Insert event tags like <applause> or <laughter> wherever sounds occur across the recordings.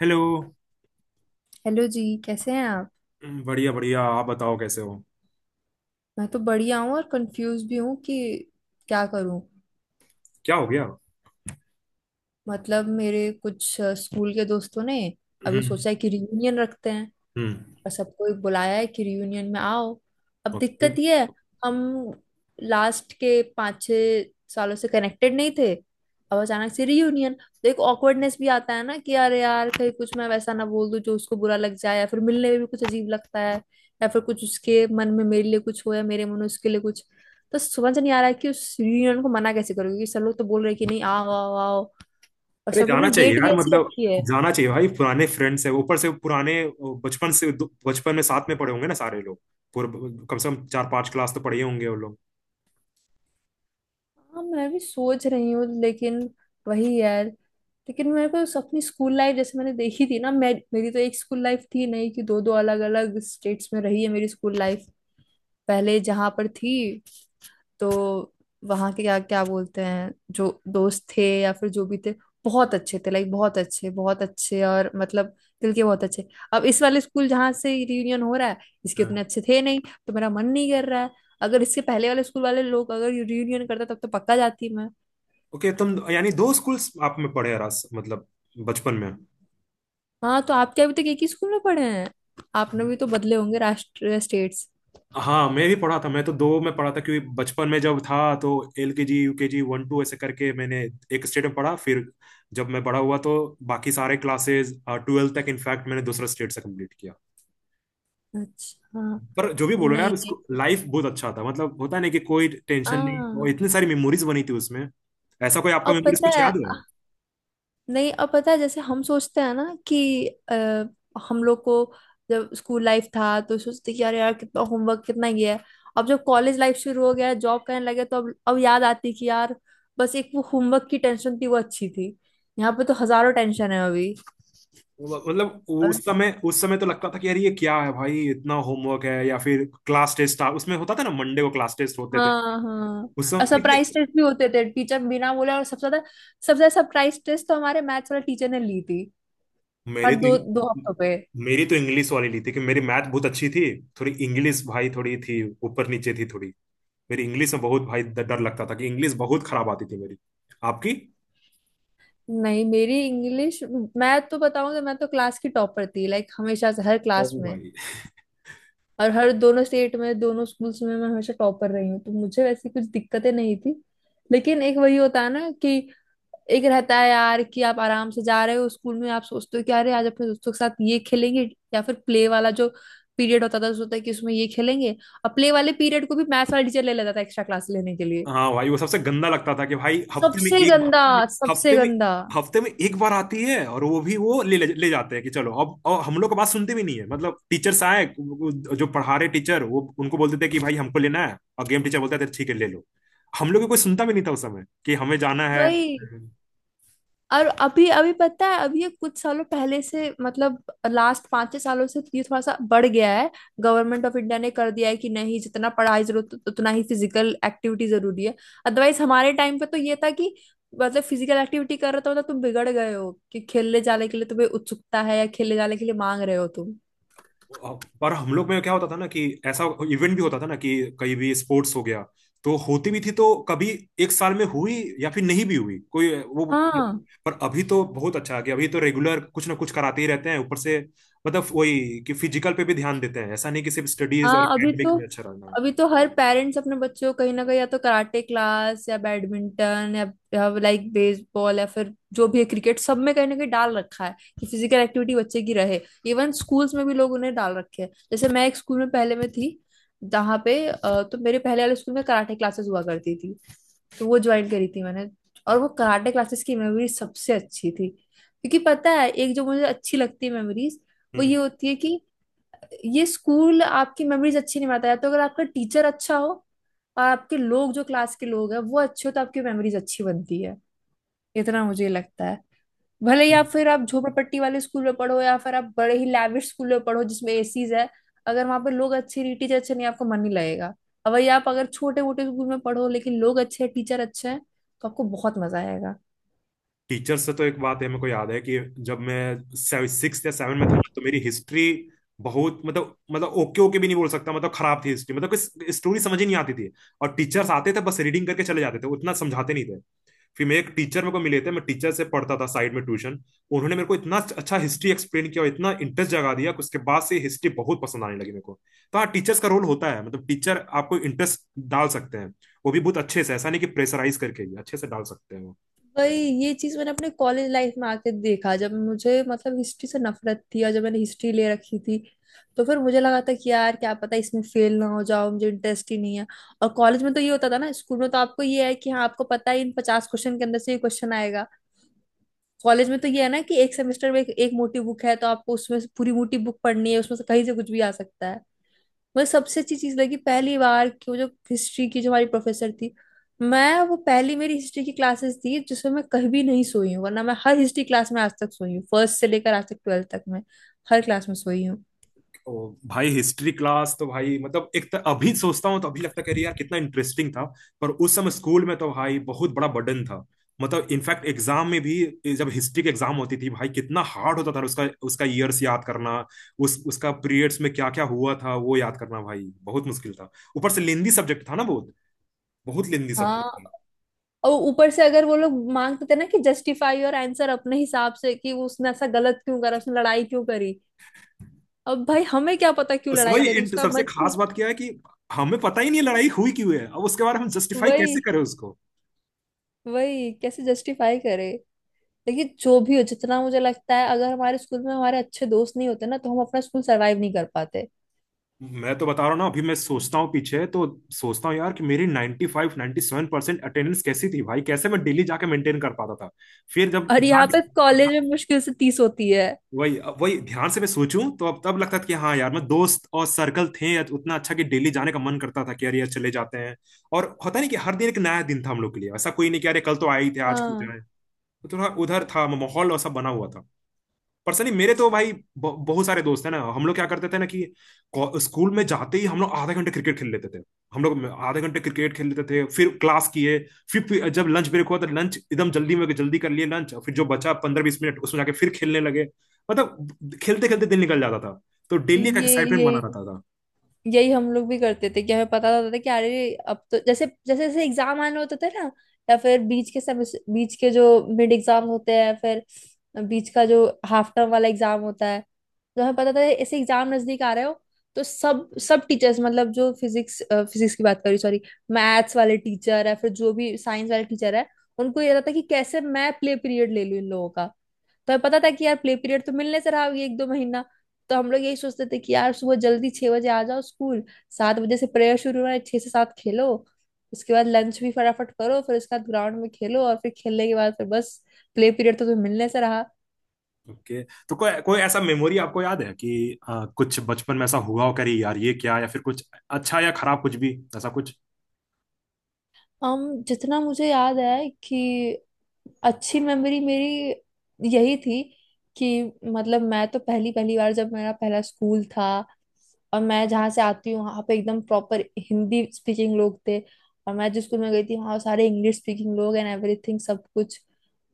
Hello. Hello जी, कैसे हैं आप। बढ़िया बढ़िया, आप बताओ कैसे हो? मैं तो बढ़िया हूँ और कंफ्यूज भी हूँ कि क्या करूँ। क्या हो गया? मतलब मेरे कुछ स्कूल के दोस्तों ने अभी हम्म। सोचा है कि रियूनियन रखते हैं। हम्म। और सबको एक बुलाया है कि रियूनियन में आओ। अब ओके। दिक्कत ये है। हम लास्ट के 5-6 सालों से कनेक्टेड नहीं थे। अब अचानक से रियूनियन। तो एक ऑकवर्डनेस भी आता है ना कि यार यार कहीं कुछ मैं वैसा ना बोल दूं जो उसको बुरा लग जाए, या फिर मिलने में भी कुछ अजीब लगता है। या फिर कुछ उसके मन में मेरे लिए कुछ हो, या मेरे मन में उसके लिए कुछ। तो समझ नहीं आ रहा है कि उस रियूनियन को मना कैसे करूँ, क्योंकि सब लोग तो बोल रहे हैं कि नहीं, आओ आओ आओ। और अरे सब लोग जाना ने चाहिए डेट भी यार, ऐसी मतलब रखी है। जाना चाहिए भाई, पुराने फ्रेंड्स है, ऊपर से पुराने, वो बचपन से। बचपन में साथ में पढ़े होंगे ना सारे लोग, पूरे। कम से कम चार पांच क्लास तो पढ़े ही होंगे वो लोग। हाँ, मैं भी सोच रही हूँ, लेकिन वही यार। लेकिन मेरे को अपनी स्कूल लाइफ जैसे मैंने देखी थी ना, मैं मेरी तो एक स्कूल लाइफ थी नहीं, कि दो दो अलग अलग स्टेट्स में रही है मेरी स्कूल लाइफ। पहले जहाँ पर थी, तो वहाँ के, क्या क्या बोलते हैं, जो दोस्त थे या फिर जो भी थे, बहुत अच्छे थे, लाइक बहुत अच्छे बहुत अच्छे, और मतलब दिल के बहुत अच्छे। अब इस वाले स्कूल, जहाँ से रियूनियन हो रहा है, इसके हाँ। उतने अच्छे थे नहीं। तो मेरा मन नहीं कर रहा है। अगर इसके पहले वाले स्कूल वाले लोग अगर रियूनियन करता, तब तो पक्का जाती मैं। ओके, तुम यानी दो स्कूल्स आप में पढ़े रस मतलब बचपन हाँ, तो आपके अभी तक एक ही स्कूल में पढ़े हैं, आपने में। भी तो बदले होंगे राष्ट्र स्टेट्स। हाँ, मैं भी पढ़ा था। मैं तो दो में पढ़ा था क्योंकि बचपन में जब था तो L K G U K G one two ऐसे करके मैंने एक स्टेट में पढ़ा। फिर जब मैं बड़ा हुआ तो बाकी सारे क्लासेस ट्वेल्थ तक इनफैक्ट मैंने दूसरा स्टेट से कंप्लीट किया। अच्छा। पर जो भी नहीं बोलो यार, उसको नहीं। लाइफ बहुत अच्छा था। मतलब होता नहीं कि कोई टेंशन नहीं, और हाँ। इतनी सारी मेमोरीज बनी थी उसमें। ऐसा कोई आपका और मेमोरीज पता कुछ है, याद है? नहीं अब पता है, जैसे हम सोचते हैं ना कि हम लोग को जब स्कूल लाइफ था तो सोचते कि यार यार कितना होमवर्क, कितना ये है। अब जब कॉलेज लाइफ शुरू हो गया, जॉब करने लगे, तो अब याद आती कि यार बस एक वो होमवर्क की टेंशन थी, वो अच्छी थी। यहाँ पे तो हजारों टेंशन है अभी। मतलब उस और समय उस समय तो लगता था कि यार ये क्या है भाई, इतना होमवर्क है, या फिर क्लास टेस्ट था। उसमें होता था ना, मंडे को क्लास टेस्ट होते थे हाँ हाँ। उस और समय। सरप्राइज टेस्ट भी होते थे टीचर बिना बोले। और सबसे ज्यादा सरप्राइज टेस्ट तो हमारे मैथ्स वाले टीचर ने ली थी, मेरी हर दो दो तो हफ्तों पे। मेरी तो इंग्लिश वाली ली थी कि मेरी मैथ बहुत अच्छी थी, थोड़ी इंग्लिश भाई थोड़ी थी, ऊपर नीचे थी थोड़ी। मेरी इंग्लिश में बहुत भाई डर लगता था कि इंग्लिश बहुत खराब आती थी मेरी। आपकी? नहीं, मेरी इंग्लिश। मैं तो बताऊंगी, मैं तो क्लास की टॉपर थी, लाइक हमेशा से, हर ओ क्लास में। भाई! और हर दोनों स्टेट में, दोनों स्कूल्स में मैं हमेशा टॉपर रही हूँ, तो मुझे वैसी कुछ दिक्कतें नहीं थी। लेकिन एक वही होता है ना, कि एक रहता है यार कि आप आराम से जा रहे हो स्कूल में, आप सोचते हो कि अरे आज अपने दोस्तों के साथ ये खेलेंगे, या फिर प्ले वाला जो पीरियड होता था सोचता है कि उसमें ये खेलेंगे। और प्ले वाले पीरियड को भी मैथ्स वाला टीचर ले लेता था एक्स्ट्रा क्लास लेने के लिए। हाँ भाई, वो सबसे गंदा लगता था कि भाई हफ्ते में सबसे एक, गंदा, सबसे हफ्ते में गंदा। हफ्ते में एक बार आती है, और वो भी वो ले ले जाते हैं कि चलो अब। और हम लोग का बात सुनते भी नहीं है, मतलब टीचर्स आए जो पढ़ा रहे टीचर वो उनको बोलते थे कि भाई हमको लेना है, और गेम टीचर बोलता था ठीक है, ले लो। हम लोग को कोई सुनता भी नहीं था उस समय कि हमें जाना है। वही। और अभी अभी पता है, अभी ये कुछ सालों पहले से, मतलब लास्ट 5-6 सालों से, ये थोड़ा सा बढ़ गया है। गवर्नमेंट ऑफ इंडिया ने कर दिया है कि नहीं, जितना पढ़ाई जरूरत, उतना ही फिजिकल एक्टिविटी जरूरी है। अदरवाइज हमारे टाइम पे तो ये था कि मतलब फिजिकल एक्टिविटी कर रहे हो तो मतलब तुम बिगड़ गए हो, कि खेलने जाने के लिए तुम्हें उत्सुकता है, या खेलने जाने के लिए मांग रहे हो तुम। पर हम लोग में क्या होता था ना, कि ऐसा इवेंट भी होता था ना कि कहीं भी स्पोर्ट्स हो गया तो होती भी थी, तो कभी एक साल में हुई या फिर नहीं भी हुई कोई वो। हाँ पर अभी तो बहुत अच्छा है कि अभी तो रेगुलर कुछ ना कुछ कराते ही रहते हैं, ऊपर से मतलब वही, कि फिजिकल पे भी ध्यान देते हैं, ऐसा नहीं कि सिर्फ स्टडीज और हाँ। अभी एकेडमिक तो, में अच्छा रहना है। अभी तो हर पेरेंट्स अपने बच्चों को कहीं ना कहीं, या तो कराटे क्लास, या बैडमिंटन, या लाइक बेसबॉल, या फिर जो भी है, क्रिकेट, सब में कहीं ना कहीं डाल रखा है, कि फिजिकल एक्टिविटी बच्चे की रहे। इवन स्कूल्स में भी लोग उन्हें डाल रखे हैं, जैसे मैं एक स्कूल में पहले में थी, जहाँ पे तो मेरे पहले वाले स्कूल में कराटे क्लासेस हुआ करती थी। तो वो ज्वाइन करी थी मैंने। और वो कराटे क्लासेस की मेमोरी सबसे अच्छी थी, क्योंकि पता है, एक जो मुझे अच्छी लगती है मेमोरीज, वो हम्म। ये होती है कि ये स्कूल आपकी मेमोरीज अच्छी नहीं बनाता है, तो अगर आपका टीचर अच्छा हो, और आपके लोग, जो क्लास के लोग हैं, वो अच्छे हो, तो आपकी मेमोरीज अच्छी बनती है, इतना मुझे लगता है। भले ही आप फिर आप झोपड़पट्टी वाले स्कूल में पढ़ो, या फिर आप बड़े ही लैविश स्कूल में पढ़ो जिसमें एसीज है, अगर वहां पे लोग अच्छे नहीं, टीचर अच्छे नहीं, आपको मन नहीं लगेगा। अब वही, आप अगर छोटे मोटे स्कूल में पढ़ो, लेकिन लोग अच्छे हैं, टीचर अच्छे हैं, तो आपको बहुत मजा आएगा। टीचर से तो एक बात है, मेरे को याद है कि जब मैं सिक्स या सेवन में था ना, तो मेरी हिस्ट्री बहुत, मतलब ओके ओके भी नहीं बोल सकता, मतलब खराब थी हिस्ट्री। मतलब कोई स्टोरी समझ ही नहीं आती थी, और टीचर्स आते थे बस रीडिंग करके चले जाते थे, उतना समझाते नहीं थे। फिर मैं एक टीचर मेरे को मिले थे, मैं टीचर से पढ़ता था साइड में ट्यूशन। उन्होंने मेरे को इतना अच्छा हिस्ट्री एक्सप्लेन किया और इतना इंटरेस्ट जगा दिया कि उसके बाद से हिस्ट्री बहुत पसंद आने लगी मेरे को। तो हाँ, टीचर्स का रोल होता है, मतलब टीचर आपको इंटरेस्ट डाल सकते हैं, वो भी बहुत अच्छे से, ऐसा नहीं कि प्रेशराइज करके, ही अच्छे से डाल सकते हैं वो। वही। ये चीज मैंने अपने कॉलेज लाइफ में आके देखा, जब मुझे, मतलब, हिस्ट्री से नफरत थी, और जब मैंने हिस्ट्री ले रखी थी, तो फिर मुझे लगा था कि यार क्या पता इसमें फेल ना हो जाओ, मुझे इंटरेस्ट ही नहीं है। और कॉलेज में तो ये होता था ना, स्कूल में तो आपको ये है कि हाँ, आपको पता है इन 50 क्वेश्चन के अंदर से ये क्वेश्चन आएगा। कॉलेज में तो ये है ना, कि एक सेमेस्टर में एक मोटी बुक है, तो आपको उसमें से पूरी मोटी बुक पढ़नी है, उसमें से कहीं से कुछ भी आ सकता है। मुझे सबसे अच्छी चीज लगी पहली बार की, वो जो हिस्ट्री की जो हमारी प्रोफेसर थी। मैं, वो पहली मेरी हिस्ट्री की क्लासेस थी, जिसमें मैं कहीं भी नहीं सोई हूँ, वरना मैं हर हिस्ट्री क्लास में आज तक सोई हूँ, फर्स्ट से लेकर आज तक ट्वेल्थ तक मैं हर क्लास में सोई हूँ। ओ भाई, हिस्ट्री क्लास तो भाई मतलब, एक तो अभी सोचता हूँ तो अभी लगता है कि अरे यार कितना इंटरेस्टिंग था, पर उस समय स्कूल में तो भाई बहुत बड़ा बर्डन था। मतलब इनफैक्ट एग्जाम में भी, जब हिस्ट्री की एग्जाम होती थी भाई, कितना हार्ड होता था उसका उसका ईयर्स याद करना, उस उसका पीरियड्स में क्या क्या हुआ था वो याद करना, भाई बहुत मुश्किल था। ऊपर से लेंदी सब्जेक्ट था ना बहुत, बहुत लेंदी सब्जेक्ट हाँ। था। और ऊपर से अगर वो लोग मांगते थे ना कि जस्टिफाई योर आंसर अपने हिसाब से, कि उसने ऐसा गलत क्यों करा, उसने लड़ाई क्यों करी। अब भाई हमें क्या पता क्यों लड़ाई करी, उसका सबसे मन खास नहीं। बात क्या है, कि हमें पता ही नहीं लड़ाई हुई क्यों है। अब उसके बारे में हम जस्टिफाई वही, कैसे करें उसको? कैसे जस्टिफाई करे। देखिए, जो भी हो, जितना मुझे लगता है, अगर हमारे स्कूल में हमारे अच्छे दोस्त नहीं होते ना, तो हम अपना स्कूल सरवाइव नहीं कर पाते। मैं तो बता रहा हूँ ना, अभी मैं सोचता हूँ पीछे, तो सोचता हूँ यार कि मेरी 95 97% अटेंडेंस कैसी थी भाई, कैसे मैं डेली जाके मेंटेन कर पाता था। फिर जब और यहाँ ध्यान, पे कॉलेज में मुश्किल से 30 होती है। वही वही ध्यान से मैं सोचूं तो अब तब लगता था कि हाँ यार, मैं दोस्त और सर्कल थे या उतना अच्छा कि डेली जाने का मन करता था कि यार यार चले जाते हैं, और होता नहीं, कि हर दिन एक नया दिन था हम लोग के लिए, ऐसा कोई नहीं कि अरे कल तो आए ही थे आज क्यों हाँ, जाए। तो थोड़ा उधर था, माहौल ऐसा बना हुआ था। पर्सनली मेरे तो भाई बहुत सारे दोस्त हैं ना, हम लोग क्या करते थे ना कि स्कूल में जाते ही हम लोग आधे घंटे क्रिकेट खेल लेते थे। हम लोग आधे घंटे क्रिकेट खेल लेते थे फिर क्लास किए। फिर जब लंच ब्रेक हुआ तो लंच एकदम जल्दी में जल्दी कर लिए लंच, फिर जो बचा पंद्रह बीस मिनट उसमें जाके फिर खेलने लगे। मतलब खेलते खेलते दिन निकल जाता था। तो डेली एक ये एक्साइटमेंट ये बना रहता था। यही हम लोग भी करते थे, कि हमें पता तो होता था कि अरे, अब तो जैसे जैसे जैसे एग्जाम आने होते थे ना, या फिर बीच के सब, बीच के जो मिड एग्जाम होते हैं, फिर बीच का जो हाफ टर्म वाला एग्जाम होता है। तो हमें पता था ऐसे एग्जाम नजदीक आ रहे हो, तो सब सब टीचर्स, मतलब जो फिजिक्स फिजिक्स की बात करी, सॉरी मैथ्स वाले टीचर है, फिर जो भी साइंस वाले टीचर है, उनको ये रहता था कि कैसे मैं प्ले पीरियड ले लूं इन लोगों का। तो हमें पता था कि यार प्ले पीरियड तो मिलने से रहा ये 1-2 महीना। तो हम लोग यही सोचते थे कि यार सुबह जल्दी 6 बजे आ जाओ स्कूल, 7 बजे से प्रेयर शुरू हो रहा है, 6 से 7 खेलो, उसके बाद लंच भी फटाफट करो, फिर उसके बाद ग्राउंड में खेलो, और फिर खेलने के बाद फिर बस, प्ले पीरियड तो तुम्हें मिलने से रहा। ओके, तो कोई कोई ऐसा मेमोरी आपको याद है कि कुछ बचपन में ऐसा हुआ हो, करी यार ये क्या, या फिर कुछ अच्छा या खराब, कुछ भी ऐसा कुछ? जितना मुझे याद है कि अच्छी मेमोरी मेरी यही थी, कि मतलब मैं तो पहली पहली बार जब मेरा पहला स्कूल था, और मैं जहाँ से आती हूँ वहाँ पे एकदम प्रॉपर हिंदी स्पीकिंग लोग थे, और मैं जिस स्कूल में गई थी वहाँ सारे इंग्लिश स्पीकिंग लोग, एंड एवरीथिंग, सब कुछ।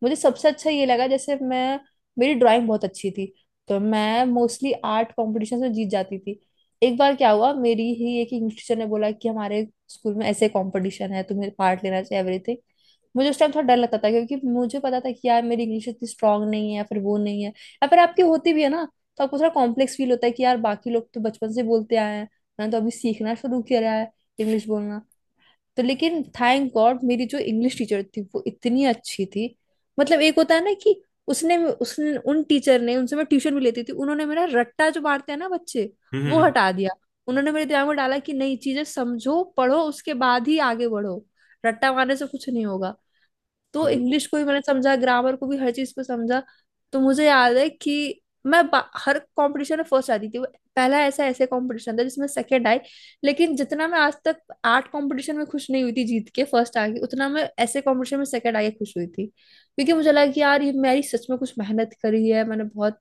मुझे सबसे अच्छा ये लगा, जैसे मैं मेरी ड्राइंग बहुत अच्छी थी, तो मैं मोस्टली आर्ट कॉम्पिटिशन में जीत जाती थी। एक बार क्या हुआ, मेरी ही एक इंग्लिश टीचर ने बोला कि हमारे स्कूल में ऐसे कंपटीशन है, तुम्हें पार्ट लेना चाहिए, एवरीथिंग। मुझे उस टाइम थोड़ा डर लगता था क्योंकि मुझे पता था कि यार मेरी इंग्लिश इतनी स्ट्रांग नहीं है, या फिर वो नहीं है, या फिर आपकी होती भी है ना, तो आपको थोड़ा कॉम्प्लेक्स फील होता है कि यार बाकी लोग तो बचपन से बोलते आए हैं, मैंने तो अभी सीखना शुरू किया है इंग्लिश बोलना। तो लेकिन थैंक गॉड मेरी जो इंग्लिश टीचर थी वो इतनी अच्छी थी, मतलब एक होता है ना कि उसने उसने उन टीचर ने, उनसे मैं ट्यूशन भी लेती थी, उन्होंने मेरा रट्टा जो मारते हैं ना बच्चे, हम्म। हम्म। वो हम्म। हटा दिया। उन्होंने मेरे दिमाग में डाला कि नहीं, चीजें समझो, पढ़ो, उसके बाद ही आगे बढ़ो, रट्टा मारने से कुछ नहीं होगा। तो और इंग्लिश को भी मैंने समझा, ग्रामर को भी, हर चीज को समझा। तो मुझे याद है कि हर कंपटीशन में फर्स्ट आती थी। वो पहला ऐसा ऐसे कंपटीशन था जिसमें सेकंड आई। लेकिन जितना मैं आज तक आर्ट कंपटीशन में खुश नहीं हुई थी जीत के फर्स्ट आके, उतना मैं ऐसे कंपटीशन में सेकंड आके खुश हुई थी, क्योंकि मुझे लगा कि यार ये मेरी सच में कुछ मेहनत करी है मैंने, बहुत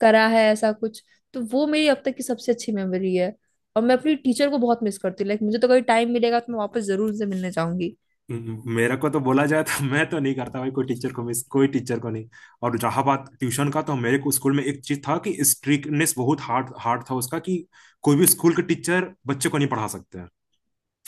करा है ऐसा कुछ। तो वो मेरी अब तक की सबसे अच्छी मेमोरी है। और मैं अपनी टीचर को बहुत मिस करती हूँ, लाइक मुझे तो कभी टाइम मिलेगा तो मैं वापस जरूर उनसे मिलने जाऊंगी। मेरे को तो बोला जाए तो <laughs> मैं तो नहीं करता भाई कोई टीचर को मिस, कोई टीचर को नहीं। और जहां बात ट्यूशन का तो मेरे को स्कूल में एक चीज था कि स्ट्रिक्टनेस बहुत हार्ड हार्ड था उसका, कि कोई भी स्कूल के टीचर बच्चे को नहीं पढ़ा सकते हैं।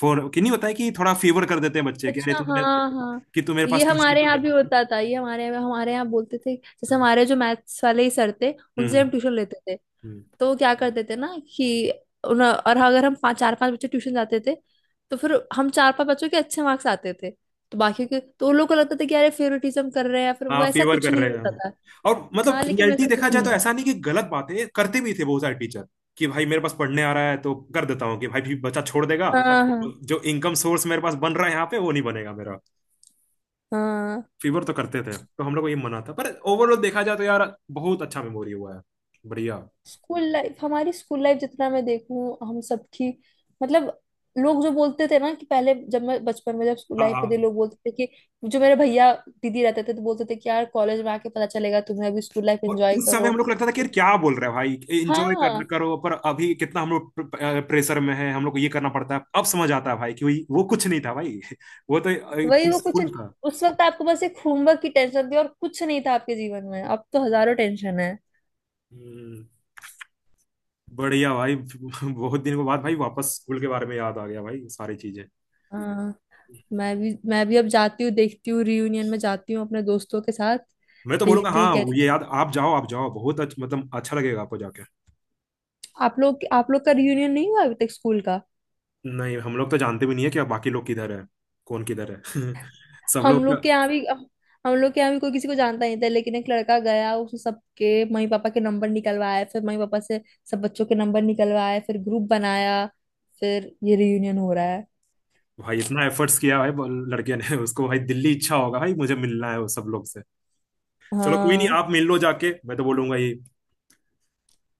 फॉर कि नहीं होता है कि थोड़ा फेवर कर देते हैं बच्चे कि अरे अच्छा, तू तो मेरे-, हाँ हाँ। कि तू मेरे ये पास ट्यूशन। हमारे यहाँ भी होता था, ये हमारे यहाँ, बोलते थे, जैसे हम्म। हमारे जो मैथ्स वाले ही सर थे, उनसे हम ट्यूशन लेते थे। हम्म। तो वो क्या करते थे ना, कि उन- और अगर हम पाँच 4-5 बच्चे ट्यूशन जाते थे, तो फिर हम 4-5 बच्चों के अच्छे मार्क्स आते थे, तो बाकियों के, तो उन लोगों को लगता था कि अरे फेवरेटिज्म कर रहे हैं, फिर वो हाँ, ऐसा फेवर कुछ कर नहीं रहे हैं, होता हाँ। था। और मतलब हाँ, लेकिन रियलिटी वैसा देखा कुछ जाए नहीं तो है। ऐसा नहीं, कि गलत बातें करते भी थे बहुत सारे टीचर, कि भाई मेरे पास पढ़ने आ रहा है तो कर देता हूँ, कि भाई भी बच्चा छोड़ देगा, हाँ तो हाँ। जो इनकम सोर्स मेरे पास बन रहा है यहाँ पे वो नहीं बनेगा मेरा। हाँ, फीवर तो करते थे तो हम लोग को ये मना था, पर ओवरऑल देखा जाए तो यार, बहुत अच्छा मेमोरी हुआ है। बढ़िया। स्कूल लाइफ, हमारी स्कूल लाइफ जितना मैं देखूं हम सबकी, मतलब लोग जो बोलते थे ना कि पहले जब मैं बचपन में जब स्कूल हाँ लाइफ पे थे, हाँ, लोग बोलते थे, कि जो मेरे भैया दीदी रहते थे तो बोलते थे कि यार कॉलेज में आके पता चलेगा तुम्हें, अभी स्कूल लाइफ और एंजॉय उस समय करो। हम लोग को लगता था कि यार क्या बोल रहे हैं भाई, एंजॉय करना हाँ, करो, पर अभी कितना हम लोग प्रेशर में है, हम लोग को ये करना पड़ता है। अब समझ आता है भाई कि वही-, वो कुछ नहीं था भाई <laughs> वो तो वही वो कुछ, पीसफुल था। उस वक्त आपको बस एक होमवर्क की टेंशन थी और कुछ नहीं था आपके जीवन में, अब तो हजारों टेंशन है। हम्म, बढ़िया भाई <laughs> बहुत दिन के बाद भाई वापस स्कूल के बारे में याद आ गया भाई सारी चीजें। हाँ, मैं भी अब जाती हूँ, देखती हूँ, रियूनियन में जाती हूँ अपने दोस्तों के साथ। मैं तो बोलूंगा देखती हूँ हाँ ये कैसा। याद, आप जाओ आप जाओ, बहुत अच्छा मतलब, अच्छा लगेगा आपको जाके। आप लोग, का रियूनियन नहीं हुआ अभी तक, स्कूल का। नहीं, हम लोग तो जानते भी नहीं है कि बाकी लोग किधर है, कौन किधर है <laughs> सब लोग हम का। लोग के यहाँ भी हम लोग के यहाँ भी कोई किसी को जानता नहीं था, लेकिन एक लड़का गया, उसने सबके मम्मी पापा के नंबर निकलवाए, फिर मम्मी पापा से सब बच्चों के नंबर निकलवाए, फिर ग्रुप बनाया, फिर ये रियूनियन हो रहा है। भाई इतना एफर्ट्स किया भाई लड़के ने <laughs> उसको भाई दिल्ली इच्छा होगा भाई, मुझे मिलना है वो सब लोग से। चलो कोई नहीं, हाँ। आप मिल लो जाके, मैं तो बोलूंगा ये,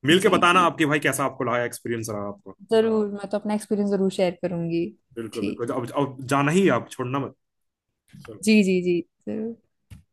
मिल के जी बताना जी, आपके भाई कैसा आपको लगा एक्सपीरियंस रहा आपको। वाह जरूर, मैं तो अपना एक्सपीरियंस जरूर शेयर करूंगी। बिल्कुल ठीक। बिल्कुल, अब जाना ही है, आप छोड़ना मत। जी जी जी, जरूर।